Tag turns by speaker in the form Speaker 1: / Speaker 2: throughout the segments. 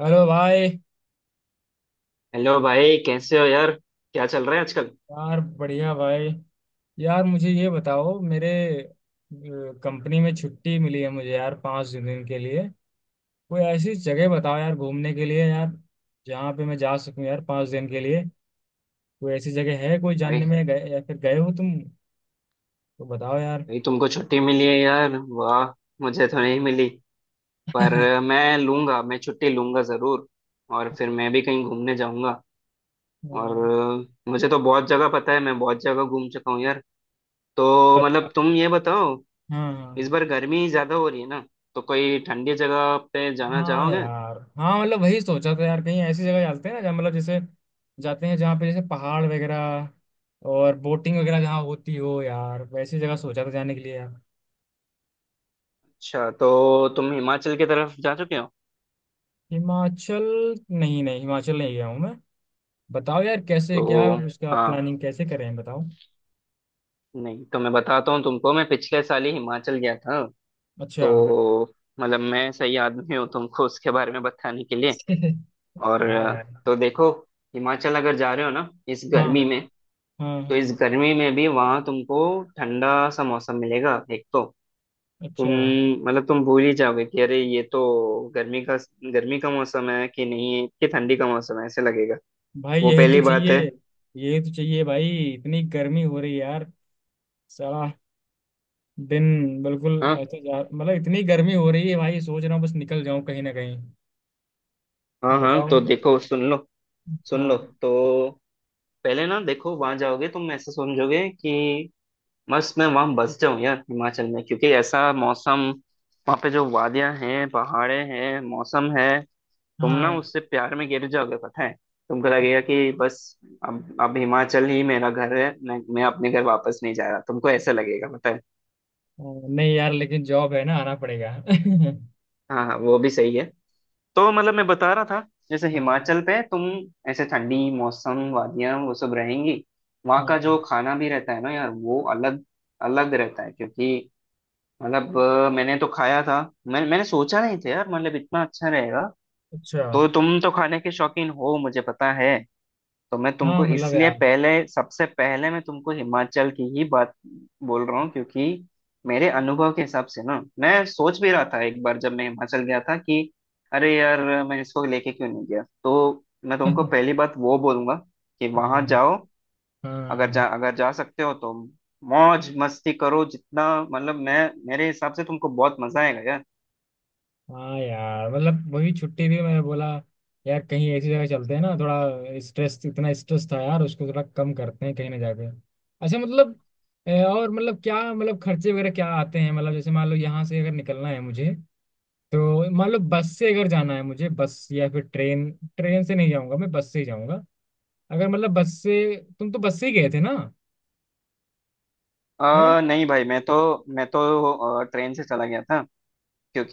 Speaker 1: Hello भाई।
Speaker 2: Hello भाई, कैसे हो यार? क्या चल रहा है आजकल?
Speaker 1: यार, बढ़िया भाई। यार, मुझे ये बताओ, मेरे कंपनी में छुट्टी मिली है मुझे यार, 5 दिन के लिए। कोई ऐसी जगह बताओ यार घूमने के लिए यार, जहाँ पे मैं जा सकूँ यार, 5 दिन के लिए। कोई ऐसी जगह है कोई, जानने
Speaker 2: भाई
Speaker 1: में गए या फिर गए हो तुम? तो बताओ यार।
Speaker 2: भाई तुमको छुट्टी मिली है यार, वाह। मुझे तो नहीं मिली, पर
Speaker 1: हाँ।
Speaker 2: मैं लूंगा। मैं छुट्टी लूंगा जरूर, और फिर मैं भी कहीं घूमने जाऊंगा। और मुझे तो बहुत जगह पता है, मैं बहुत जगह घूम चुका हूँ यार। तो मतलब
Speaker 1: बता-
Speaker 2: तुम ये बताओ,
Speaker 1: हाँ
Speaker 2: इस
Speaker 1: हाँ।
Speaker 2: बार गर्मी ज्यादा हो रही है ना, तो कोई ठंडी जगह पे जाना
Speaker 1: हाँ
Speaker 2: चाहोगे?
Speaker 1: यार, हाँ मतलब वही सोचा था यार, कहीं ऐसी जगह जाते हैं ना जहाँ, मतलब जैसे जाते हैं जहाँ पे जैसे पहाड़ वगैरह और बोटिंग वगैरह जहाँ होती हो यार, वैसी जगह सोचा था जाने के लिए यार।
Speaker 2: अच्छा, तो तुम हिमाचल की तरफ जा चुके हो?
Speaker 1: हिमाचल? नहीं नहीं, हिमाचल नहीं गया हूँ मैं। बताओ यार कैसे, क्या
Speaker 2: तो
Speaker 1: उसका
Speaker 2: हाँ।
Speaker 1: प्लानिंग कैसे करें, बताओ।
Speaker 2: नहीं, तो मैं बताता हूँ तुमको, मैं पिछले साल ही हिमाचल गया था। तो
Speaker 1: अच्छा।
Speaker 2: मतलब मैं सही आदमी हूँ तुमको उसके बारे में बताने के लिए। और
Speaker 1: हाँ यार।
Speaker 2: तो देखो, हिमाचल अगर जा रहे हो ना इस
Speaker 1: हाँ
Speaker 2: गर्मी में,
Speaker 1: हाँ।
Speaker 2: तो
Speaker 1: हाँ।
Speaker 2: इस गर्मी में भी वहाँ तुमको ठंडा सा मौसम मिलेगा एक तो। तुम
Speaker 1: अच्छा।
Speaker 2: मतलब तुम भूल ही जाओगे कि अरे, ये तो गर्मी का गर्मी का मौसम है कि नहीं, कि ठंडी का मौसम है, ऐसे लगेगा।
Speaker 1: भाई
Speaker 2: वो
Speaker 1: यही तो
Speaker 2: पहली बात
Speaker 1: चाहिए।
Speaker 2: है।
Speaker 1: यही तो चाहिए भाई। इतनी गर्मी हो रही है यार। साला, दिन बिल्कुल
Speaker 2: हाँ
Speaker 1: ऐसे जा, मतलब इतनी गर्मी हो रही है भाई, सोच रहा हूँ बस निकल जाऊं कहीं ना कहीं।
Speaker 2: हाँ हाँ,
Speaker 1: बताओ।
Speaker 2: तो देखो, सुन लो। सुन लो
Speaker 1: हाँ
Speaker 2: तो, पहले ना देखो, वहां जाओगे तुम ऐसे समझोगे कि बस मैं वहां बस जाऊं यार हिमाचल में, क्योंकि ऐसा मौसम, वहां पे जो वादियां हैं, पहाड़े हैं, मौसम है, तुम ना
Speaker 1: हाँ।
Speaker 2: उससे प्यार में गिर जाओगे, पता है। तुमको लगेगा कि बस अब हिमाचल ही मेरा घर है, मैं अपने घर वापस नहीं जा रहा, तुमको ऐसा लगेगा, पता है।
Speaker 1: हाँ, नहीं यार, लेकिन जॉब है ना, आना पड़ेगा।
Speaker 2: हाँ हाँ, वो भी सही है। तो मतलब मैं बता रहा था, जैसे
Speaker 1: हाँ
Speaker 2: हिमाचल पे तुम ऐसे ठंडी मौसम, वादियां, वो सब रहेंगी। वहाँ
Speaker 1: हाँ।
Speaker 2: का जो खाना भी रहता है ना यार, वो अलग अलग रहता है, क्योंकि मतलब मैंने तो खाया था। मैंने सोचा नहीं था यार, मतलब इतना अच्छा रहेगा।
Speaker 1: अच्छा।
Speaker 2: तो तुम तो खाने के शौकीन हो, मुझे पता है। तो मैं
Speaker 1: हाँ
Speaker 2: तुमको
Speaker 1: मतलब
Speaker 2: इसलिए
Speaker 1: यार।
Speaker 2: पहले, सबसे पहले मैं तुमको हिमाचल की ही बात बोल रहा हूँ, क्योंकि मेरे अनुभव के हिसाब से ना, मैं सोच भी रहा था एक बार जब मैं हिमाचल गया था कि अरे यार, मैं इसको लेके क्यों नहीं गया। तो मैं तुमको
Speaker 1: हाँ
Speaker 2: पहली बात वो बोलूंगा कि वहां जाओ।
Speaker 1: हाँ।
Speaker 2: अगर जा सकते हो तो मौज मस्ती करो जितना, मतलब मैं, मेरे हिसाब से तुमको बहुत मजा आएगा यार।
Speaker 1: हाँ यार, मतलब वही छुट्टी भी मैं बोला यार, कहीं ऐसी जगह चलते हैं ना, थोड़ा स्ट्रेस, इतना स्ट्रेस था यार, उसको थोड़ा कम करते हैं कहीं ना जाके। अच्छा मतलब, और मतलब क्या, मतलब खर्चे वगैरह क्या आते हैं, मतलब जैसे मान लो यहाँ से अगर निकलना है मुझे, तो मान लो बस से अगर जाना है मुझे, बस या फिर ट्रेन। ट्रेन से नहीं जाऊंगा मैं, बस से ही जाऊंगा। अगर मतलब बस से, तुम तो बस से ही गए थे ना?
Speaker 2: नहीं भाई, मैं तो ट्रेन से चला गया था,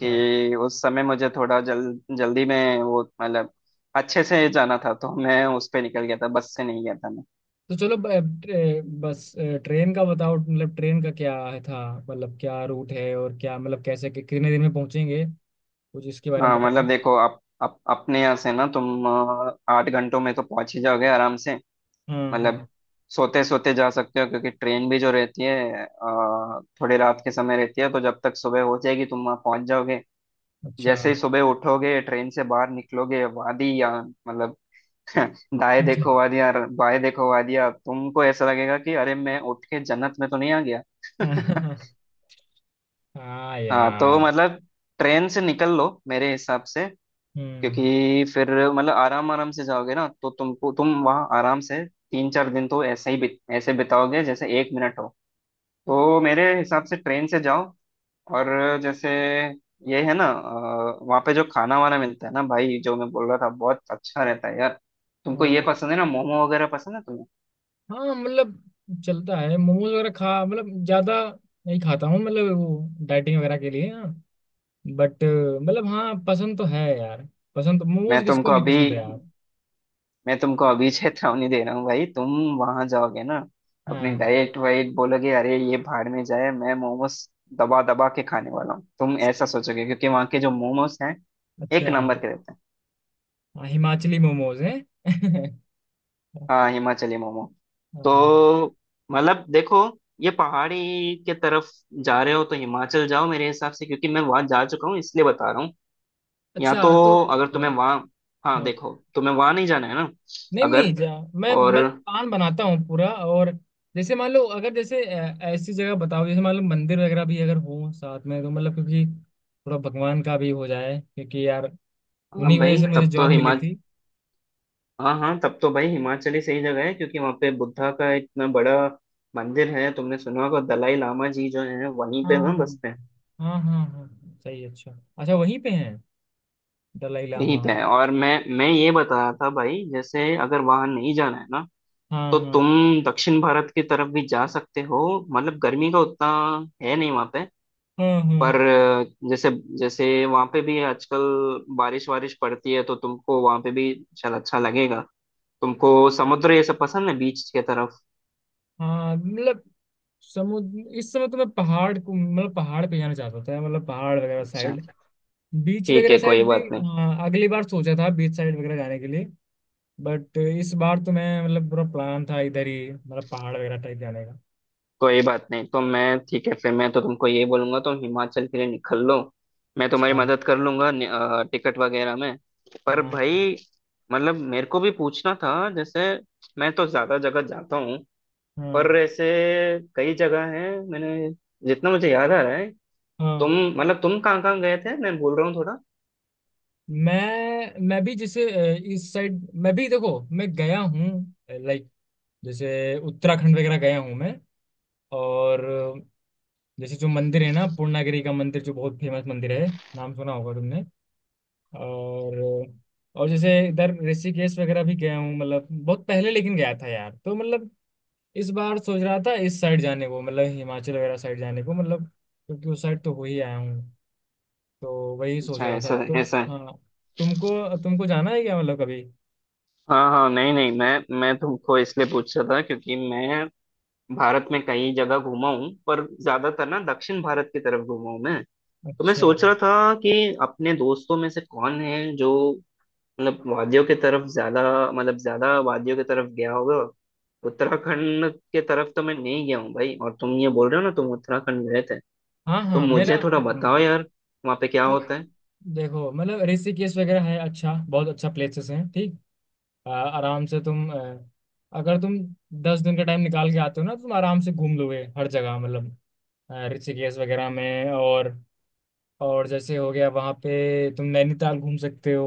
Speaker 1: है।
Speaker 2: उस समय मुझे थोड़ा जल जल्दी में, वो मतलब अच्छे से जाना था, तो मैं उस पे निकल गया था, बस से नहीं गया था मैं।
Speaker 1: तो चलो ट्रेन का बताओ, मतलब ट्रेन का क्या है था, मतलब क्या रूट है और क्या, मतलब कैसे कितने दिन में पहुंचेंगे, कुछ इसके बारे में
Speaker 2: हाँ
Speaker 1: बताओ।
Speaker 2: मतलब देखो, आप अपने यहाँ से ना तुम आठ घंटों में तो पहुंच ही जाओगे आराम से।
Speaker 1: हाँ
Speaker 2: मतलब
Speaker 1: हाँ।
Speaker 2: सोते सोते जा सकते हो, क्योंकि ट्रेन भी जो रहती है थोड़ी रात के समय रहती है, तो जब तक सुबह हो जाएगी, तुम वहां पहुंच जाओगे।
Speaker 1: अच्छा।
Speaker 2: जैसे ही सुबह उठोगे, ट्रेन से बाहर निकलोगे, वादी या मतलब दाएं
Speaker 1: अच्छा।
Speaker 2: देखो वादियां, बाएं देखो वादियां, तुमको ऐसा लगेगा कि अरे, मैं उठ के जन्नत में तो नहीं आ गया।
Speaker 1: हाँ
Speaker 2: हाँ, तो
Speaker 1: यार।
Speaker 2: मतलब ट्रेन से निकल लो मेरे हिसाब से,
Speaker 1: हम्म।
Speaker 2: क्योंकि फिर मतलब आराम आराम से जाओगे ना, तो तुमको, तुम वहाँ आराम से तीन चार दिन तो ऐसे ही ऐसे बिताओगे जैसे एक मिनट हो। तो मेरे हिसाब से ट्रेन से जाओ। और जैसे, ये है ना वहाँ पे जो खाना वाना मिलता है ना भाई, जो मैं बोल रहा था, बहुत अच्छा रहता है यार। तुमको ये
Speaker 1: हाँ।
Speaker 2: पसंद है ना, मोमो वगैरह पसंद है तुम्हें?
Speaker 1: हाँ मतलब, चलता है मोमोज वगैरह खा, मतलब ज्यादा नहीं खाता हूँ, मतलब वो डाइटिंग वगैरह के लिए, हाँ। बट मतलब हाँ, पसंद तो है यार। पसंद तो
Speaker 2: मैं
Speaker 1: मोमोज किसको
Speaker 2: तुमको
Speaker 1: नहीं
Speaker 2: अभी
Speaker 1: पसंद है यार।
Speaker 2: मैं तुमको अभी चेतावनी दे रहा हूँ भाई, तुम वहां जाओगे ना, अपनी
Speaker 1: हाँ।
Speaker 2: डाइट वाइट बोलोगे अरे ये भाड़ में जाए, मैं मोमोस दबा दबा के खाने वाला हूँ, तुम ऐसा सोचोगे, क्योंकि वहाँ के जो मोमोस हैं, एक
Speaker 1: अच्छा।
Speaker 2: नंबर के रहते हैं।
Speaker 1: हाँ, हिमाचली मोमोज हैं।
Speaker 2: हाँ, हिमाचली मोमो।
Speaker 1: हाँ।
Speaker 2: तो मतलब देखो, ये पहाड़ी के तरफ जा रहे हो तो हिमाचल जाओ मेरे हिसाब से, क्योंकि मैं वहां जा चुका हूँ इसलिए बता रहा हूँ। या तो
Speaker 1: अच्छा। तो,
Speaker 2: अगर
Speaker 1: हाँ।
Speaker 2: तुम्हें वहां, हाँ
Speaker 1: हाँ,
Speaker 2: देखो, तुम्हें वहां नहीं जाना है ना,
Speaker 1: नहीं
Speaker 2: अगर।
Speaker 1: नहीं, मैं
Speaker 2: और
Speaker 1: मैं प्लान बनाता हूँ पूरा। और जैसे मान लो, अगर जैसे ऐसी जगह बताओ जैसे, मान लो मंदिर वगैरह भी अगर हो साथ में, तो मतलब क्योंकि थोड़ा भगवान का भी हो जाए, क्योंकि यार
Speaker 2: हाँ
Speaker 1: उन्हीं की वजह
Speaker 2: भाई,
Speaker 1: से मुझे
Speaker 2: तब तो
Speaker 1: जॉब मिली
Speaker 2: हिमाचल,
Speaker 1: थी।
Speaker 2: हाँ हाँ, तब तो भाई हिमाचल ही सही जगह है, क्योंकि वहाँ पे बुद्धा का इतना बड़ा मंदिर है, तुमने सुना होगा, दलाई लामा जी जो है वहीं पे ना
Speaker 1: हाँ
Speaker 2: बसते हैं।
Speaker 1: हाँ। हाँ हाँ, सही। अच्छा। अच्छा, वहीं पे हैं दलाई
Speaker 2: वहीं
Speaker 1: लामा?
Speaker 2: पे है। और मैं, ये बता रहा था भाई, जैसे अगर वहां नहीं जाना है ना,
Speaker 1: हाँ
Speaker 2: तो
Speaker 1: हाँ
Speaker 2: तुम दक्षिण भारत की तरफ भी जा सकते हो, मतलब गर्मी का उतना है नहीं वहाँ पे।
Speaker 1: हाँ हाँ।
Speaker 2: पर जैसे, जैसे वहाँ पे भी आजकल बारिश वारिश पड़ती है, तो तुमको वहाँ पे भी शायद अच्छा लगेगा। तुमको समुद्र ये सब पसंद है, बीच के तरफ?
Speaker 1: हाँ मतलब समुद्र, इस समय तो मैं पहाड़ को, मतलब पहाड़ पे जाना चाहता था, मतलब पहाड़ वगैरह
Speaker 2: अच्छा,
Speaker 1: साइड, बीच
Speaker 2: ठीक
Speaker 1: वगैरह
Speaker 2: है,
Speaker 1: साइड
Speaker 2: कोई
Speaker 1: भी।
Speaker 2: बात नहीं।
Speaker 1: हाँ, अगली बार सोचा था बीच साइड वगैरह जाने के लिए, बट इस बार तो मैं मतलब पूरा प्लान था इधर ही, मतलब पहाड़ वगैरह टाइप जाने का।
Speaker 2: कोई बात नहीं, तो मैं, ठीक है, फिर मैं तो तुमको ये बोलूंगा तुम हिमाचल के लिए निकल लो। मैं तुम्हारी
Speaker 1: अच्छा।
Speaker 2: मदद कर लूंगा टिकट वगैरह में। पर
Speaker 1: हाँ
Speaker 2: भाई, मतलब मेरे को भी पूछना था, जैसे मैं तो ज्यादा जगह जाता हूँ,
Speaker 1: हाँ।
Speaker 2: पर ऐसे कई जगह हैं, मैंने, जितना मुझे याद आ रहा है, तुम
Speaker 1: हाँ।
Speaker 2: मतलब तुम कहाँ कहाँ गए थे, मैं भूल रहा हूँ थोड़ा।
Speaker 1: मैं भी जैसे इस साइड मैं भी, देखो मैं गया हूँ, लाइक जैसे उत्तराखंड वगैरह गया हूँ मैं। और जैसे जो मंदिर है ना, पूर्णागिरी का मंदिर, जो बहुत फेमस मंदिर है, नाम सुना होगा तुमने। और जैसे इधर ऋषिकेश वगैरह भी गया हूँ, मतलब बहुत पहले लेकिन गया था यार, तो मतलब इस बार सोच रहा था इस साइड जाने को, मतलब हिमाचल वगैरह साइड जाने को, मतलब क्योंकि उस साइड तो हो ही आया हूँ, तो वही सोच
Speaker 2: अच्छा,
Speaker 1: रहा था
Speaker 2: ऐसा है,
Speaker 1: तो।
Speaker 2: ऐसा है।
Speaker 1: हाँ, तुमको तुमको जाना है क्या, मतलब कभी?
Speaker 2: हाँ हाँ, नहीं नहीं, मैं तुमको इसलिए पूछ रहा था, क्योंकि मैं भारत में कई जगह घूमा हूँ, पर ज्यादातर ना दक्षिण भारत की तरफ घूमा हूँ मैं। तो मैं
Speaker 1: अच्छा।
Speaker 2: सोच रहा था कि अपने दोस्तों में से कौन है जो मतलब वादियों की तरफ ज्यादा, मतलब ज्यादा वादियों की तरफ गया होगा। उत्तराखंड के तरफ तो मैं नहीं गया हूँ भाई, और तुम ये बोल रहे हो ना तुम उत्तराखंड गए थे,
Speaker 1: हाँ
Speaker 2: तो
Speaker 1: हाँ, मेरा।
Speaker 2: मुझे थोड़ा
Speaker 1: हाँ।
Speaker 2: बताओ यार वहाँ पे क्या
Speaker 1: तो
Speaker 2: होता है।
Speaker 1: देखो, मतलब ऋषिकेश वगैरह है, अच्छा बहुत अच्छा प्लेसेस हैं ठीक। आराम से तुम, अगर तुम 10 दिन का टाइम निकाल के आते हो ना, तो तुम आराम से घूम लोगे हर जगह, मतलब ऋषिकेश वगैरह में। और जैसे, हो गया वहाँ पे तुम नैनीताल घूम सकते हो।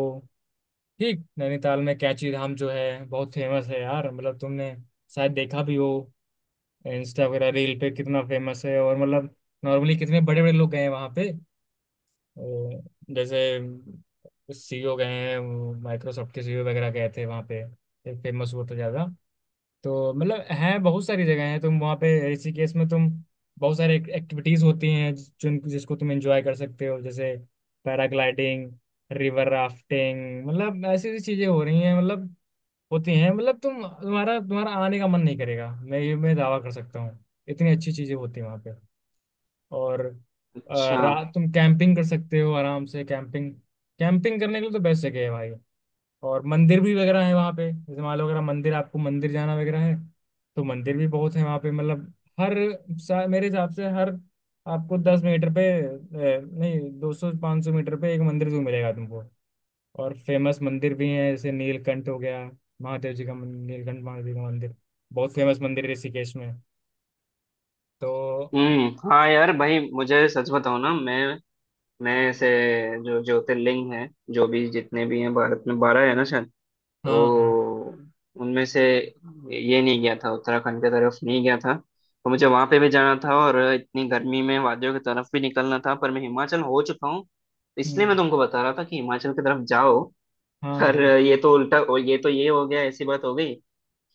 Speaker 1: ठीक, नैनीताल में कैंची धाम जो है, बहुत फेमस है यार, मतलब तुमने शायद देखा भी हो इंस्टा वगैरह रील पे, कितना फेमस है। और मतलब नॉर्मली कितने बड़े बड़े लोग गए हैं वहाँ पे। अ, जैसे, सीईओ गए हैं, माइक्रोसॉफ्ट के सीईओ वगैरह गए थे वहाँ पे, फेमस वो तो ज्यादा। तो मतलब हैं बहुत सारी जगह, हैं तुम वहाँ पे। ऋषिकेश में तुम बहुत सारे एक्टिविटीज होती हैं, जिस- जिन जिसको तुम एंजॉय कर सकते हो, जैसे पैराग्लाइडिंग, रिवर राफ्टिंग, मतलब ऐसी ऐसी चीजें हो रही हैं, मतलब होती हैं, मतलब तुम्हारा आने का मन नहीं करेगा, मैं दावा कर सकता हूँ। इतनी अच्छी चीजें होती हैं वहाँ पे। और
Speaker 2: अच्छा,
Speaker 1: रात तुम कैंपिंग कर सकते हो आराम से, कैंपिंग। कैंपिंग करने के लिए तो बेस्ट जगह है भाई। और मंदिर भी वगैरह है वहाँ पे, जैसे मान लो अगर आप मंदिर, आपको मंदिर जाना वगैरह है, तो मंदिर भी बहुत है वहाँ पे, मतलब हर मेरे हिसाब से हर आपको 10 मीटर पे नहीं, 200 500 मीटर पे एक मंदिर जरूर मिलेगा तुमको। और फेमस मंदिर भी हैं, जैसे नीलकंठ हो गया, महादेव जी का नीलकंठ महादेव का मंदिर, बहुत फेमस मंदिर है ऋषिकेश में, तो।
Speaker 2: हम्म, हाँ यार भाई, मुझे सच बताओ ना, मैं ऐसे, जो ज्योतिर्लिंग है, जो भी जितने भी हैं भारत में, बारह है ना शायद,
Speaker 1: हाँ हाँ।
Speaker 2: तो उनमें से ये नहीं गया था, उत्तराखंड की तरफ नहीं गया था। तो मुझे वहाँ पे भी जाना था और इतनी गर्मी में वादियों की तरफ भी निकलना था, पर मैं हिमाचल हो चुका हूँ, इसलिए मैं
Speaker 1: हम्म,
Speaker 2: तुमको बता रहा था कि हिमाचल की तरफ जाओ।
Speaker 1: हाँ
Speaker 2: पर
Speaker 1: हाँ।
Speaker 2: ये तो उल्टा, और ये तो ये हो गया, ऐसी बात हो गई।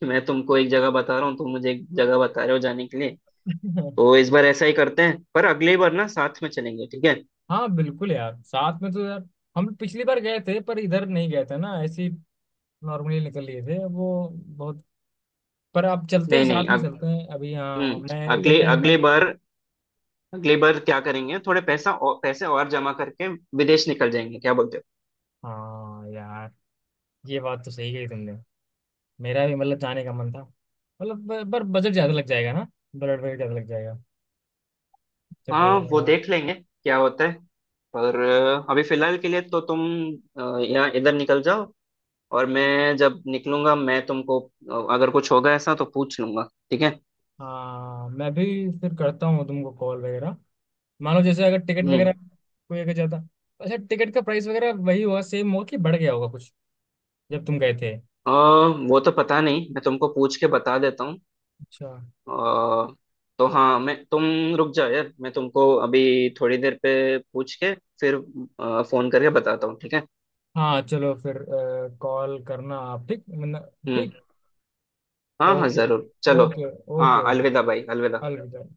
Speaker 2: मैं तुमको एक जगह बता रहा हूँ, तुम मुझे एक जगह बता रहे हो जाने के लिए। तो इस बार ऐसा ही करते हैं, पर अगली बार ना साथ में चलेंगे, ठीक है?
Speaker 1: हाँ बिल्कुल यार, साथ में तो यार, हम पिछली बार गए थे पर इधर नहीं गए थे ना, ऐसी नॉर्मली निकल लिए थे वो, बहुत। पर आप चलते हैं,
Speaker 2: नहीं
Speaker 1: साथ
Speaker 2: नहीं,
Speaker 1: में चलते हैं अभी, हाँ,
Speaker 2: हम्म
Speaker 1: मैं इधर
Speaker 2: अगले
Speaker 1: टहल का।
Speaker 2: अगले बार क्या करेंगे, थोड़े पैसा और, पैसे और जमा करके विदेश निकल जाएंगे, क्या बोलते हो?
Speaker 1: हाँ यार, ये बात तो सही कही तुमने। मेरा भी मतलब जाने का मन था, मतलब पर बजट ज्यादा लग जाएगा ना, बजट वगैरह ज्यादा लग जाएगा, टिकट
Speaker 2: हाँ, वो
Speaker 1: वगैरह।
Speaker 2: देख लेंगे क्या होता है। पर अभी फिलहाल के लिए तो तुम यहाँ इधर निकल जाओ, और मैं जब निकलूंगा, मैं तुमको अगर कुछ होगा ऐसा तो पूछ लूंगा, ठीक है?
Speaker 1: हाँ, मैं भी फिर करता हूँ तुमको कॉल वगैरह, मान लो जैसे अगर टिकट
Speaker 2: हम्म।
Speaker 1: वगैरह कोई अगर जाता। अच्छा, टिकट का प्राइस वगैरह वही होगा, सेम होगा कि बढ़ गया होगा कुछ जब तुम गए थे?
Speaker 2: अ, वो तो पता नहीं, मैं तुमको पूछ के बता देता हूँ।
Speaker 1: अच्छा।
Speaker 2: अ, तो हाँ, मैं तुम रुक जाओ यार, मैं तुमको अभी थोड़ी देर पे पूछ के फिर फोन करके बताता हूँ, ठीक है?
Speaker 1: हाँ, चलो फिर, कॉल करना आप, ठीक मतलब,
Speaker 2: हम्म,
Speaker 1: ठीक।
Speaker 2: हाँ हाँ,
Speaker 1: ओके।
Speaker 2: जरूर, चलो।
Speaker 1: ओके। ओके
Speaker 2: हाँ,
Speaker 1: ओके।
Speaker 2: अलविदा भाई, अलविदा।
Speaker 1: अलविदा।